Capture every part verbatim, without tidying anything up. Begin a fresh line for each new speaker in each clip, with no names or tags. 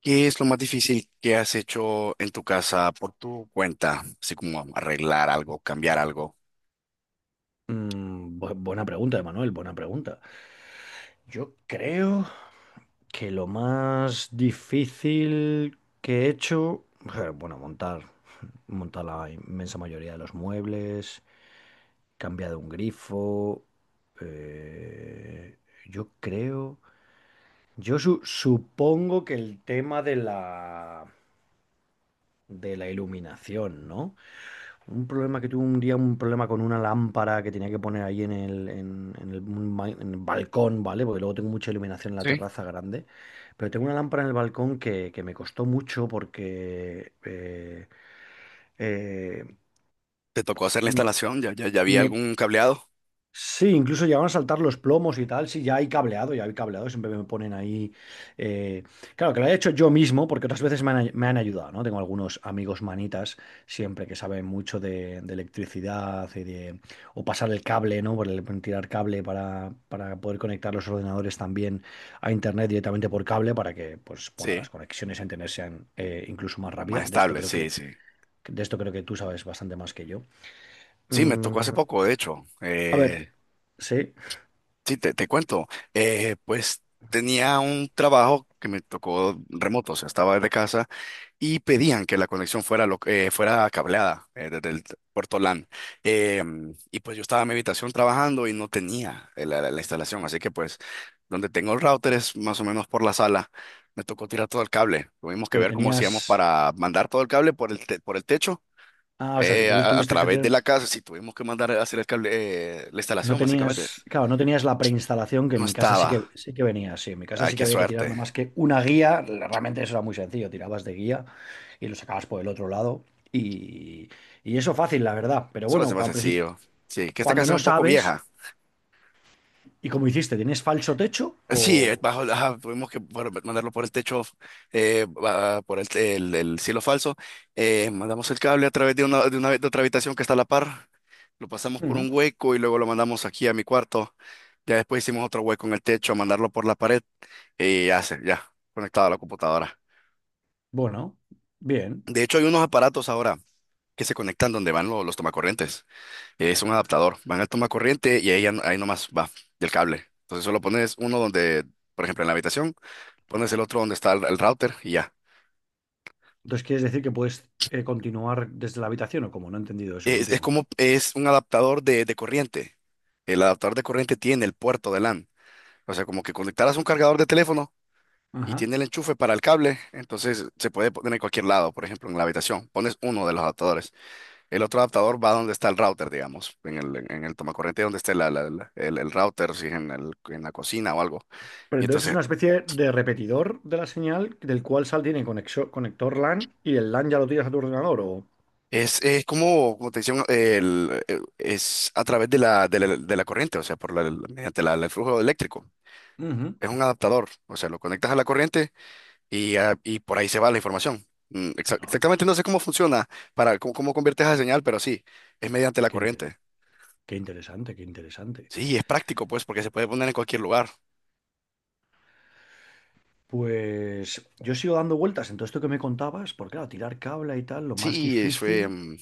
¿Qué es lo más difícil que has hecho en tu casa por tu cuenta? Así como arreglar algo, cambiar algo.
Mm, bu- buena pregunta, Emanuel, buena pregunta. Yo creo que lo más difícil que he hecho, eh, bueno, montar, montar la inmensa mayoría de los muebles, cambiar un grifo. eh, yo creo, yo su- supongo que el tema de la de la iluminación, ¿no? Un problema que tuve un día, un problema con una lámpara que tenía que poner ahí en el, en, en el, un ba- en el balcón, ¿vale? Porque luego tengo mucha iluminación en la
Sí.
terraza grande. Pero tengo una lámpara en el balcón que, que me costó mucho porque. eh, eh,
¿Te tocó hacer la
m-
instalación? ¿Ya, ya, ya había
me,
algún cableado?
Sí, incluso llegaron a saltar los plomos y tal. Sí, ya hay cableado, ya hay cableado. Siempre me ponen ahí. eh, Claro, que lo he hecho yo mismo, porque otras veces me han, ay- me han ayudado, ¿no? Tengo algunos amigos manitas, siempre que saben mucho de, de electricidad y de... O pasar el cable, ¿no? Por el- tirar cable para, para poder conectar los ordenadores también a internet directamente por cable, para que, pues, bueno, las
Sí.
conexiones a internet sean eh, incluso más
Más
rápidas. De esto
estable,
creo
sí,
que,
sí.
de esto creo que tú sabes bastante más que yo.
Sí, me tocó hace
Mm,
poco, de hecho.
a ver,
Eh,
sí.
Sí, te, te cuento. Eh, pues tenía un trabajo que me tocó remoto, o sea, estaba desde casa y pedían que la conexión fuera, lo- eh, fuera cableada eh, desde el puerto L A N. Eh, y pues yo estaba en mi habitación trabajando y no tenía eh, la, la- la instalación, así que pues donde tengo el router es más o menos por la sala. Me tocó tirar todo el cable. Tuvimos que
Pero
ver cómo hacíamos
tenías.
para mandar todo el cable por el, te- por el techo.
Ah, o sea, que
Eh, a,
tuvi-
a- a
tuviste que
través de
tener.
la casa, sí, tuvimos que mandar a hacer el cable, eh, la
No
instalación, básicamente.
tenías. Claro, no tenías la preinstalación, que
No
en mi casa sí
estaba.
que sí que venía. Sí, en mi casa
Ay,
sí que
qué
había que tirar nada
suerte.
más que una guía. Realmente eso era muy sencillo. Tirabas de guía y lo sacabas por el otro lado. Y, y eso fácil, la verdad. Pero
Eso lo hace
bueno,
más
al principio,
sencillo. Sí, que esta
cuando
casa es
no
un poco
sabes,
vieja.
¿y cómo hiciste? ¿Tienes falso techo?
Sí, eh,
O.
bajo, ajá, tuvimos que bueno, mandarlo por el techo, eh, va- por el, el, el cielo falso. Eh, mandamos el cable a través de una, de una, de otra habitación que está a la par. Lo pasamos por
Mm,
un hueco y luego lo mandamos aquí a mi cuarto. Ya después hicimos otro hueco en el techo, mandarlo por la pared y ya, se- ya, conectado a la computadora.
bueno, bien.
De hecho, hay unos aparatos ahora que se conectan donde van lo- los tomacorrientes. Es un adaptador, va en el toma corriente y ahí, ya no- ahí nomás va del cable. Entonces solo pones uno donde, por ejemplo, en la habitación, pones el otro donde está el, el router y ya.
Entonces, ¿quieres decir que puedes eh, continuar desde la habitación o como No he entendido eso
Es, es
último.
como, es un adaptador de, de corriente. El adaptador de corriente tiene el puerto de L A N. O sea, como que conectaras un cargador de teléfono y
Ajá.
tiene el enchufe para el cable, entonces se puede poner en cualquier lado, por ejemplo, en la habitación. Pones uno de los adaptadores. El otro adaptador va donde está el router, digamos, en el, en el tomacorriente donde esté la- la- la- el, el router, si es en, el- en la cocina o algo.
Pero
Y
entonces es
entonces
una especie de repetidor de la señal del cual sal tiene conexo- conector LAN y el LAN ya lo tiras a tu ordenador o...
Es, es como, como te decía, el, el- es a través de la, de la, de la corriente, o sea, por la, la- mediante la- el flujo eléctrico.
Ujú.
Es un adaptador, o sea, lo conectas a la corriente y, ah, y por ahí se va la información. Mm, exa-
No,
Exactamente, no sé cómo funciona, para cómo, cómo conviertes esa señal, pero sí, es mediante la
qué, inte-
corriente.
qué interesante, qué interesante.
Sí, es práctico, pues, porque se puede poner en cualquier lugar.
Pues yo sigo dando vueltas en todo esto que me contabas, porque claro, tirar cable y tal, lo más
Sí, eso,
difícil.
em,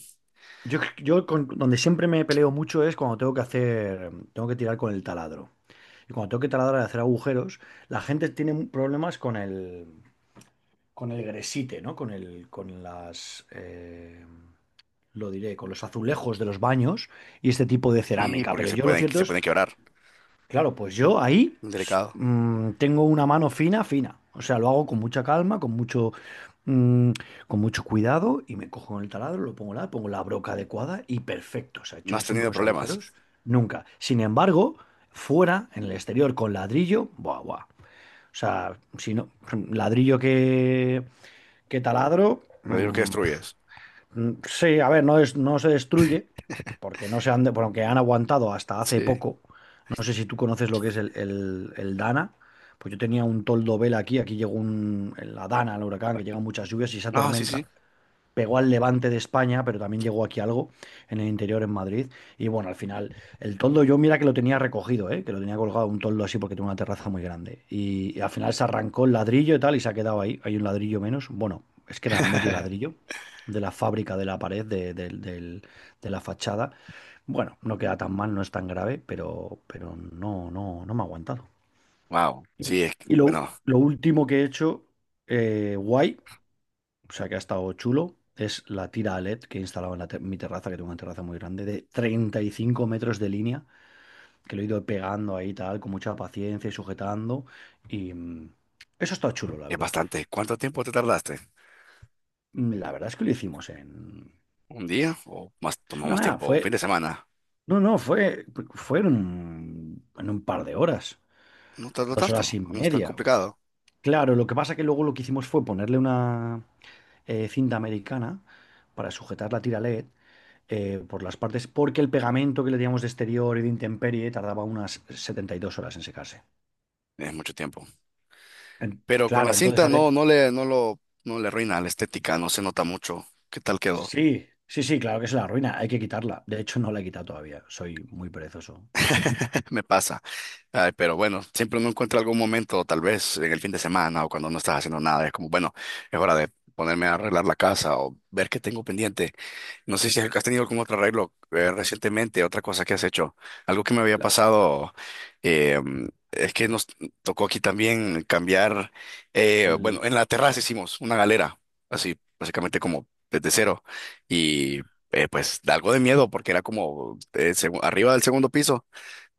Yo, yo con- donde siempre me peleo mucho es cuando tengo que hacer, tengo que tirar con el taladro. Y cuando tengo que taladrar y hacer agujeros, la gente tiene problemas con el, con el gresite, ¿no? Con el, con las, eh, lo diré, con los azulejos de los baños y este tipo de
sí,
cerámica.
porque
Pero
se
yo lo
pueden,
cierto
se
es,
pueden quebrar.
claro, pues yo ahí
Un
s-
Delicado.
mm, tengo una mano fina, fina. O sea, lo hago con mucha calma, con mucho, mm, con mucho cuidado y me cojo el taladro, lo pongo la, pongo la broca adecuada y perfecto. O sea, he
No
hecho
has
siempre
tenido
unos
problemas.
agujeros, nunca. Sin embargo, fuera, en el exterior, con ladrillo, buah, buah. O sea, si no, ladrillo que, que taladro.
No digo que
mm,
destruyes.
Mm, sí, a ver, no, es, no se destruye, porque no se han, de- porque han aguantado hasta hace
Sí.
poco. No sé si tú conoces lo que es el, el- el Dana. Pues yo tenía un toldo vela aquí, aquí llegó un, la Dana, el huracán, que llegan muchas lluvias y esa
Ah, sí,
tormenta
sí.
pegó al Levante de España, pero también llegó aquí algo en el interior en Madrid. Y bueno, al final, el toldo, yo mira que lo tenía recogido, ¿eh? Que lo tenía colgado un toldo así porque tengo una terraza muy grande. Y, y al final se arrancó el ladrillo y tal y se ha quedado ahí. Hay un ladrillo menos. Bueno, es que era medio ladrillo de la fábrica de la pared, de, del- del- de la fachada. Bueno, no queda tan mal, no es tan grave, pero, pero no, no, no me ha aguantado.
Wow, sí,
Y
es, que-
y lo,
bueno,
lo último que he hecho, eh, guay, o sea que ha estado chulo. Es la tira LED que he instalado en la te- mi terraza, que tengo una terraza muy grande, de treinta y cinco metros de línea, que lo he ido pegando ahí tal, con mucha paciencia y sujetando. Y mm, eso está chulo, la
es
verdad.
bastante. ¿Cuánto tiempo te tardaste?
Mm, La verdad es que lo hicimos en...
¿Un día o más, tomó
No,
más
nada,
tiempo? ¿Un fin
fue...
de semana?
No, no, fue, fue en un, en un par de horas,
No tardó
dos horas
tanto,
y
no es tan
media.
complicado.
Claro, lo que pasa que luego lo que hicimos fue ponerle una eh, cinta americana para sujetar la tira LED eh, por las partes, porque el pegamento que le teníamos de exterior y de intemperie tardaba unas setenta y dos horas en secarse.
Es mucho tiempo.
En-
Pero con la
claro, entonces
cinta
había...
no, no le, no lo, no le arruina la estética, no se nota mucho. ¿Qué tal quedó?
Sí, sí, sí, claro que es la ruina, hay que quitarla. De hecho, no la he quitado todavía, soy muy perezoso.
Me pasa. Ay, pero bueno, siempre uno encuentra algún momento, tal vez en el fin de semana o cuando no estás haciendo nada, es como, bueno, es hora de ponerme a arreglar la casa o ver qué tengo pendiente. No sé si has tenido algún otro arreglo eh, recientemente, otra cosa que has hecho. Algo que me había
La-
pasado eh, es que nos tocó aquí también cambiar, eh, bueno,
el-
en la terraza hicimos una galera, así básicamente como desde cero. Y eh, pues da algo de miedo porque era como eh, segu- arriba del segundo piso,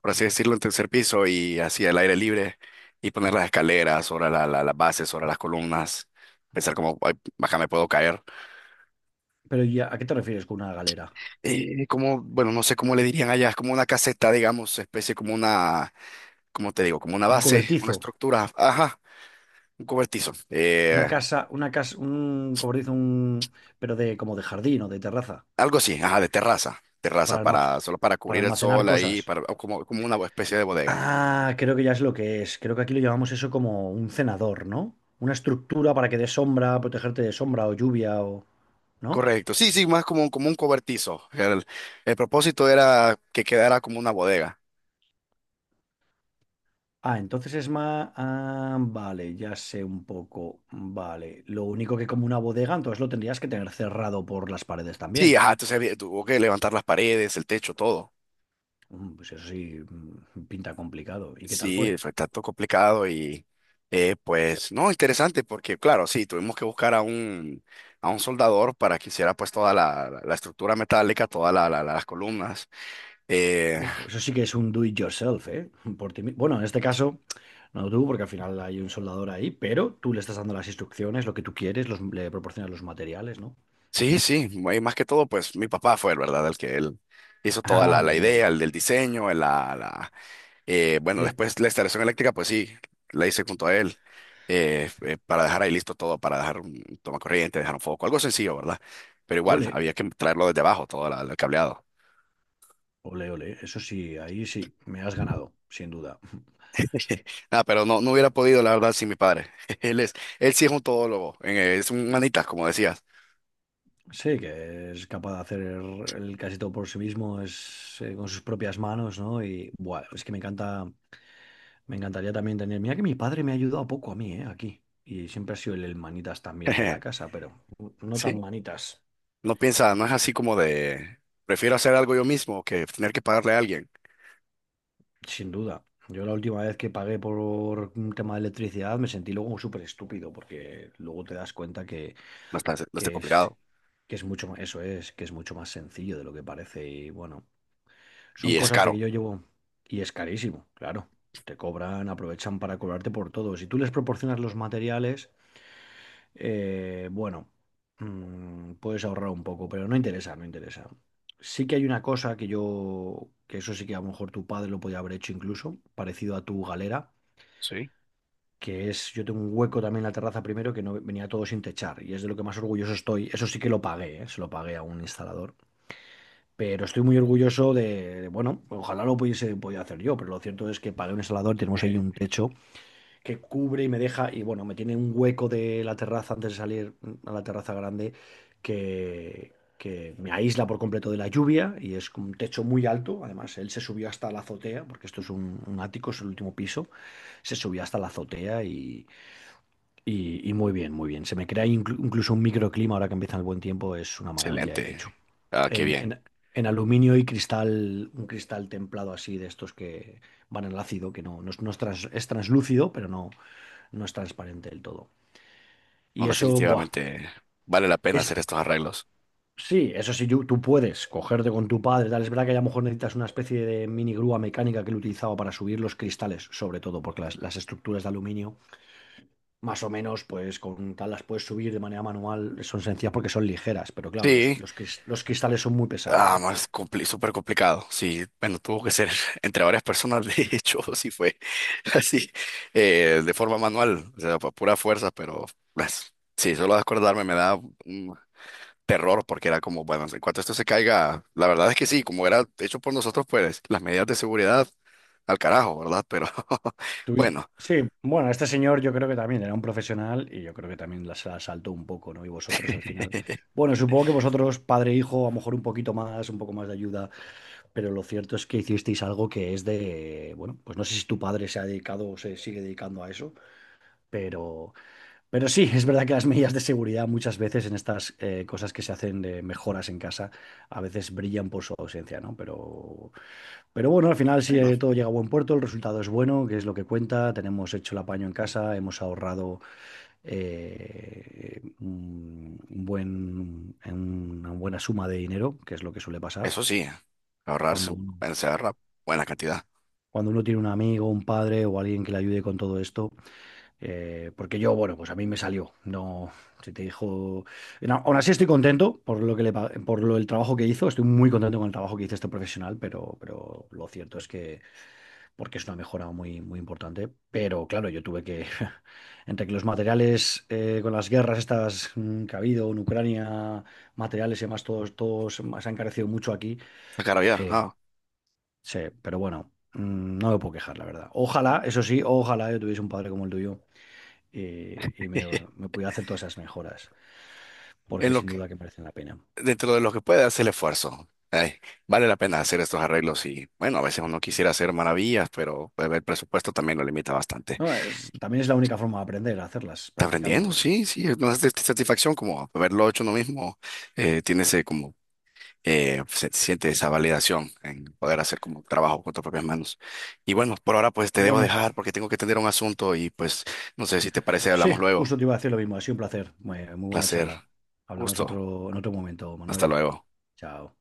por así decirlo, en tercer piso y así el aire libre y poner las escaleras sobre la- la- las bases, sobre las columnas, pensar como, "Ay, baja, me puedo caer.
Pero ya, ¿a qué te refieres con una galera?
Eh, como, bueno, no sé cómo le dirían allá, es como una caseta, digamos, especie como una, ¿cómo te digo? Como una
Un
base, una
cobertizo,
estructura, ajá, un cobertizo,
una
eh,
casa, una casa, un cobertizo, un... Pero de como de jardín o de terraza,
algo así, ajá, de terraza, terraza
para almac-
para, solo para
para
cubrir el
almacenar
sol
cosas.
ahí, para, o como, como una especie de bodega.
Ah, creo que ya es lo que es. Creo que aquí lo llamamos eso como un cenador, ¿no? Una estructura para que de sombra, protegerte de sombra o lluvia o... ¿No?
Correcto, sí, sí, más como, como un cobertizo. El, el propósito era que quedara como una bodega.
Ah, entonces es más... Ah, vale, ya sé un poco. Vale. Lo único que como una bodega, entonces lo tendrías que tener cerrado por las paredes
Sí,
también.
ajá, entonces había- tuvo que levantar las paredes, el techo, todo.
Mm, Pues eso sí, mm, pinta complicado. ¿Y qué tal
Sí,
fue?
fue tanto complicado y eh, pues no, interesante porque claro, sí, tuvimos que buscar a un, a un soldador para que hiciera pues toda la, la- la estructura metálica, todas la- la- las columnas. Eh,
Uf, eso sí que es un do it yourself, ¿eh? Por ti mi- Bueno, en este caso, no tú, porque al final hay un soldador ahí, pero tú le estás dando las instrucciones, lo que tú quieres, los- le proporcionas los materiales, ¿no?
sí, sí, y más que todo pues mi papá fue, el ¿verdad? El que él hizo toda
Ah,
la, la
amigo.
idea, el del diseño, el- la, la- Eh, bueno,
Eh,
después la instalación eléctrica, pues sí, la hice junto a él, eh, eh, para dejar ahí listo todo, para dejar un tomacorriente, dejar un foco, algo sencillo, ¿verdad? Pero igual,
Ole,
había que traerlo desde abajo, todo la- el cableado.
ole, ole. Eso sí, ahí sí, me has ganado, sin duda.
Ah, pero no, no hubiera podido, la verdad, sin mi padre. Él es, él sí es un todólogo, eh, es un manitas, como decías.
Sí, que es capaz de hacer el casi todo por sí mismo, es eh, con sus propias manos, ¿no? Y, buah, es que me encanta. Me encantaría también tener. Mira que mi padre me ha ayudado poco a mí, ¿eh? Aquí. Y siempre ha sido el el manitas también de la casa, pero no tan
Sí,
manitas,
no piensa, no es así como de, prefiero hacer algo yo mismo que tener que pagarle a alguien.
sin duda. Yo la última vez que pagué por un tema de electricidad me sentí luego súper estúpido, porque luego te das cuenta que,
No está, no está
que es,
complicado.
que es mucho más, eso es, que es mucho más sencillo de lo que parece. Y bueno, son
Y es
cosas de que
caro.
yo llevo. Y es carísimo, claro. Te cobran, aprovechan para cobrarte por todo. Si tú les proporcionas los materiales. Eh, bueno, mm, puedes ahorrar un poco, pero no interesa, no interesa. Sí que hay una cosa que yo, que eso sí que a lo mejor tu padre lo podía haber hecho incluso, parecido a tu galera,
Sí.
que es, yo tengo un hueco también en la terraza primero que no venía todo sin techar, y es de lo que más orgulloso estoy. Eso sí que lo pagué, ¿eh? Se lo pagué a un instalador. Pero estoy muy orgulloso de, de, bueno, ojalá lo pudiese, podía hacer yo, pero lo cierto es que pagué un instalador, tenemos ahí un techo que cubre y me deja, y bueno, me tiene un hueco de la terraza antes de salir a la terraza grande que, que me aísla por completo de la lluvia y es un techo muy alto. Además, él se subió hasta la azotea, porque esto es un, un ático, es el último piso, se subió hasta la azotea y, y- y muy bien, muy bien. Se me crea inclu- incluso un microclima ahora que empieza el buen tiempo, es una maravilla de
Excelente.
techo.
Ah, qué
En,
bien.
en- en aluminio y cristal, un cristal templado así de estos que van en el ácido, que no, no es, no es trans- es translúcido, pero no, no es transparente del todo.
No,
Y eso, buah,
definitivamente vale la pena
es,
hacer estos arreglos.
sí, eso sí, yo- tú puedes cogerte con tu padre, tal, es verdad que a lo mejor necesitas una especie de mini grúa mecánica que él utilizaba para subir los cristales, sobre todo, porque las, las estructuras de aluminio, más o menos, pues con tal las puedes subir de manera manual, son sencillas porque son ligeras, pero claro, los,
Sí,
los, cris- los cristales son muy pesados,
ah,
¿no?
más compli- súper complicado. Sí, bueno, tuvo que ser entre varias personas, de hecho, sí fue así, eh, de forma manual, o sea, por pura fuerza, pero pues, sí, solo de acordarme me da un terror porque era como, bueno, en cuanto esto se caiga, la verdad es que sí, como era hecho por nosotros, pues las medidas de seguridad al carajo, ¿verdad? Pero
Tuviste-
bueno,
Sí, bueno, este señor yo creo que también era un profesional y yo creo que también la- se la saltó un poco, ¿no? Y vosotros al final. Bueno, supongo que vosotros, padre e hijo, a lo mejor un poquito más, un poco más de ayuda, pero lo cierto es que hicisteis algo que es de, bueno, pues no sé si tu padre se ha dedicado o se sigue dedicando a eso, pero, pero sí, es verdad que las medidas de seguridad muchas veces en estas eh, cosas que se hacen de mejoras en casa a veces brillan por su ausencia, ¿no? Pero pero bueno, al final si
bueno,
eh, todo llega a buen puerto, el resultado es bueno, que es lo que cuenta, tenemos hecho el apaño en casa, hemos ahorrado eh, un un buen, en una buena suma de dinero, que es lo que suele pasar
eso sí, ahorrarse,
cuando
un-
uno,
se ahorra buena cantidad.
cuando uno tiene un amigo, un padre o alguien que le ayude con todo esto, eh, porque yo, bueno, pues a mí me salió, no, si te dijo, no, aún así estoy contento por lo que le, pa- por lo, el trabajo que hizo, estoy muy contento con el trabajo que hizo este profesional, pero, pero lo cierto es que porque es una mejora muy, muy importante. Pero claro, yo tuve que, entre que los materiales eh, con las guerras estas mm, que ha habido en Ucrania, materiales y demás, todos, todos se han encarecido mucho aquí.
La carabina,
eh,
ah.
sí, pero bueno, mm, no me puedo quejar, la verdad. Ojalá, eso sí, ojalá yo tuviese un padre como el tuyo y, y me, me pudiera hacer todas esas mejoras, porque
En lo
sin
que,
duda que merecen la pena.
dentro de lo que puede hacer el esfuerzo. Ay, vale la pena hacer estos arreglos y bueno, a veces uno quisiera hacer maravillas, pero pues, el presupuesto también lo limita bastante.
No, es, también es la única forma de aprender, hacerlas
Está aprendiendo,
practicando. Y, eh,
sí, sí, es una sat- satisfacción como haberlo hecho uno mismo, eh, tiene ese como, eh, se siente esa validación en poder hacer como trabajo con tus propias manos. Y bueno, por ahora pues te debo
bueno,
dejar porque tengo que atender un asunto y pues no sé si te parece, hablamos
sí,
luego.
justo te iba a decir lo mismo. Ha sido un placer. Muy, muy buena
Placer,
charla. Hablamos
gusto,
otro, en otro momento,
hasta
Manuel.
luego.
Chao.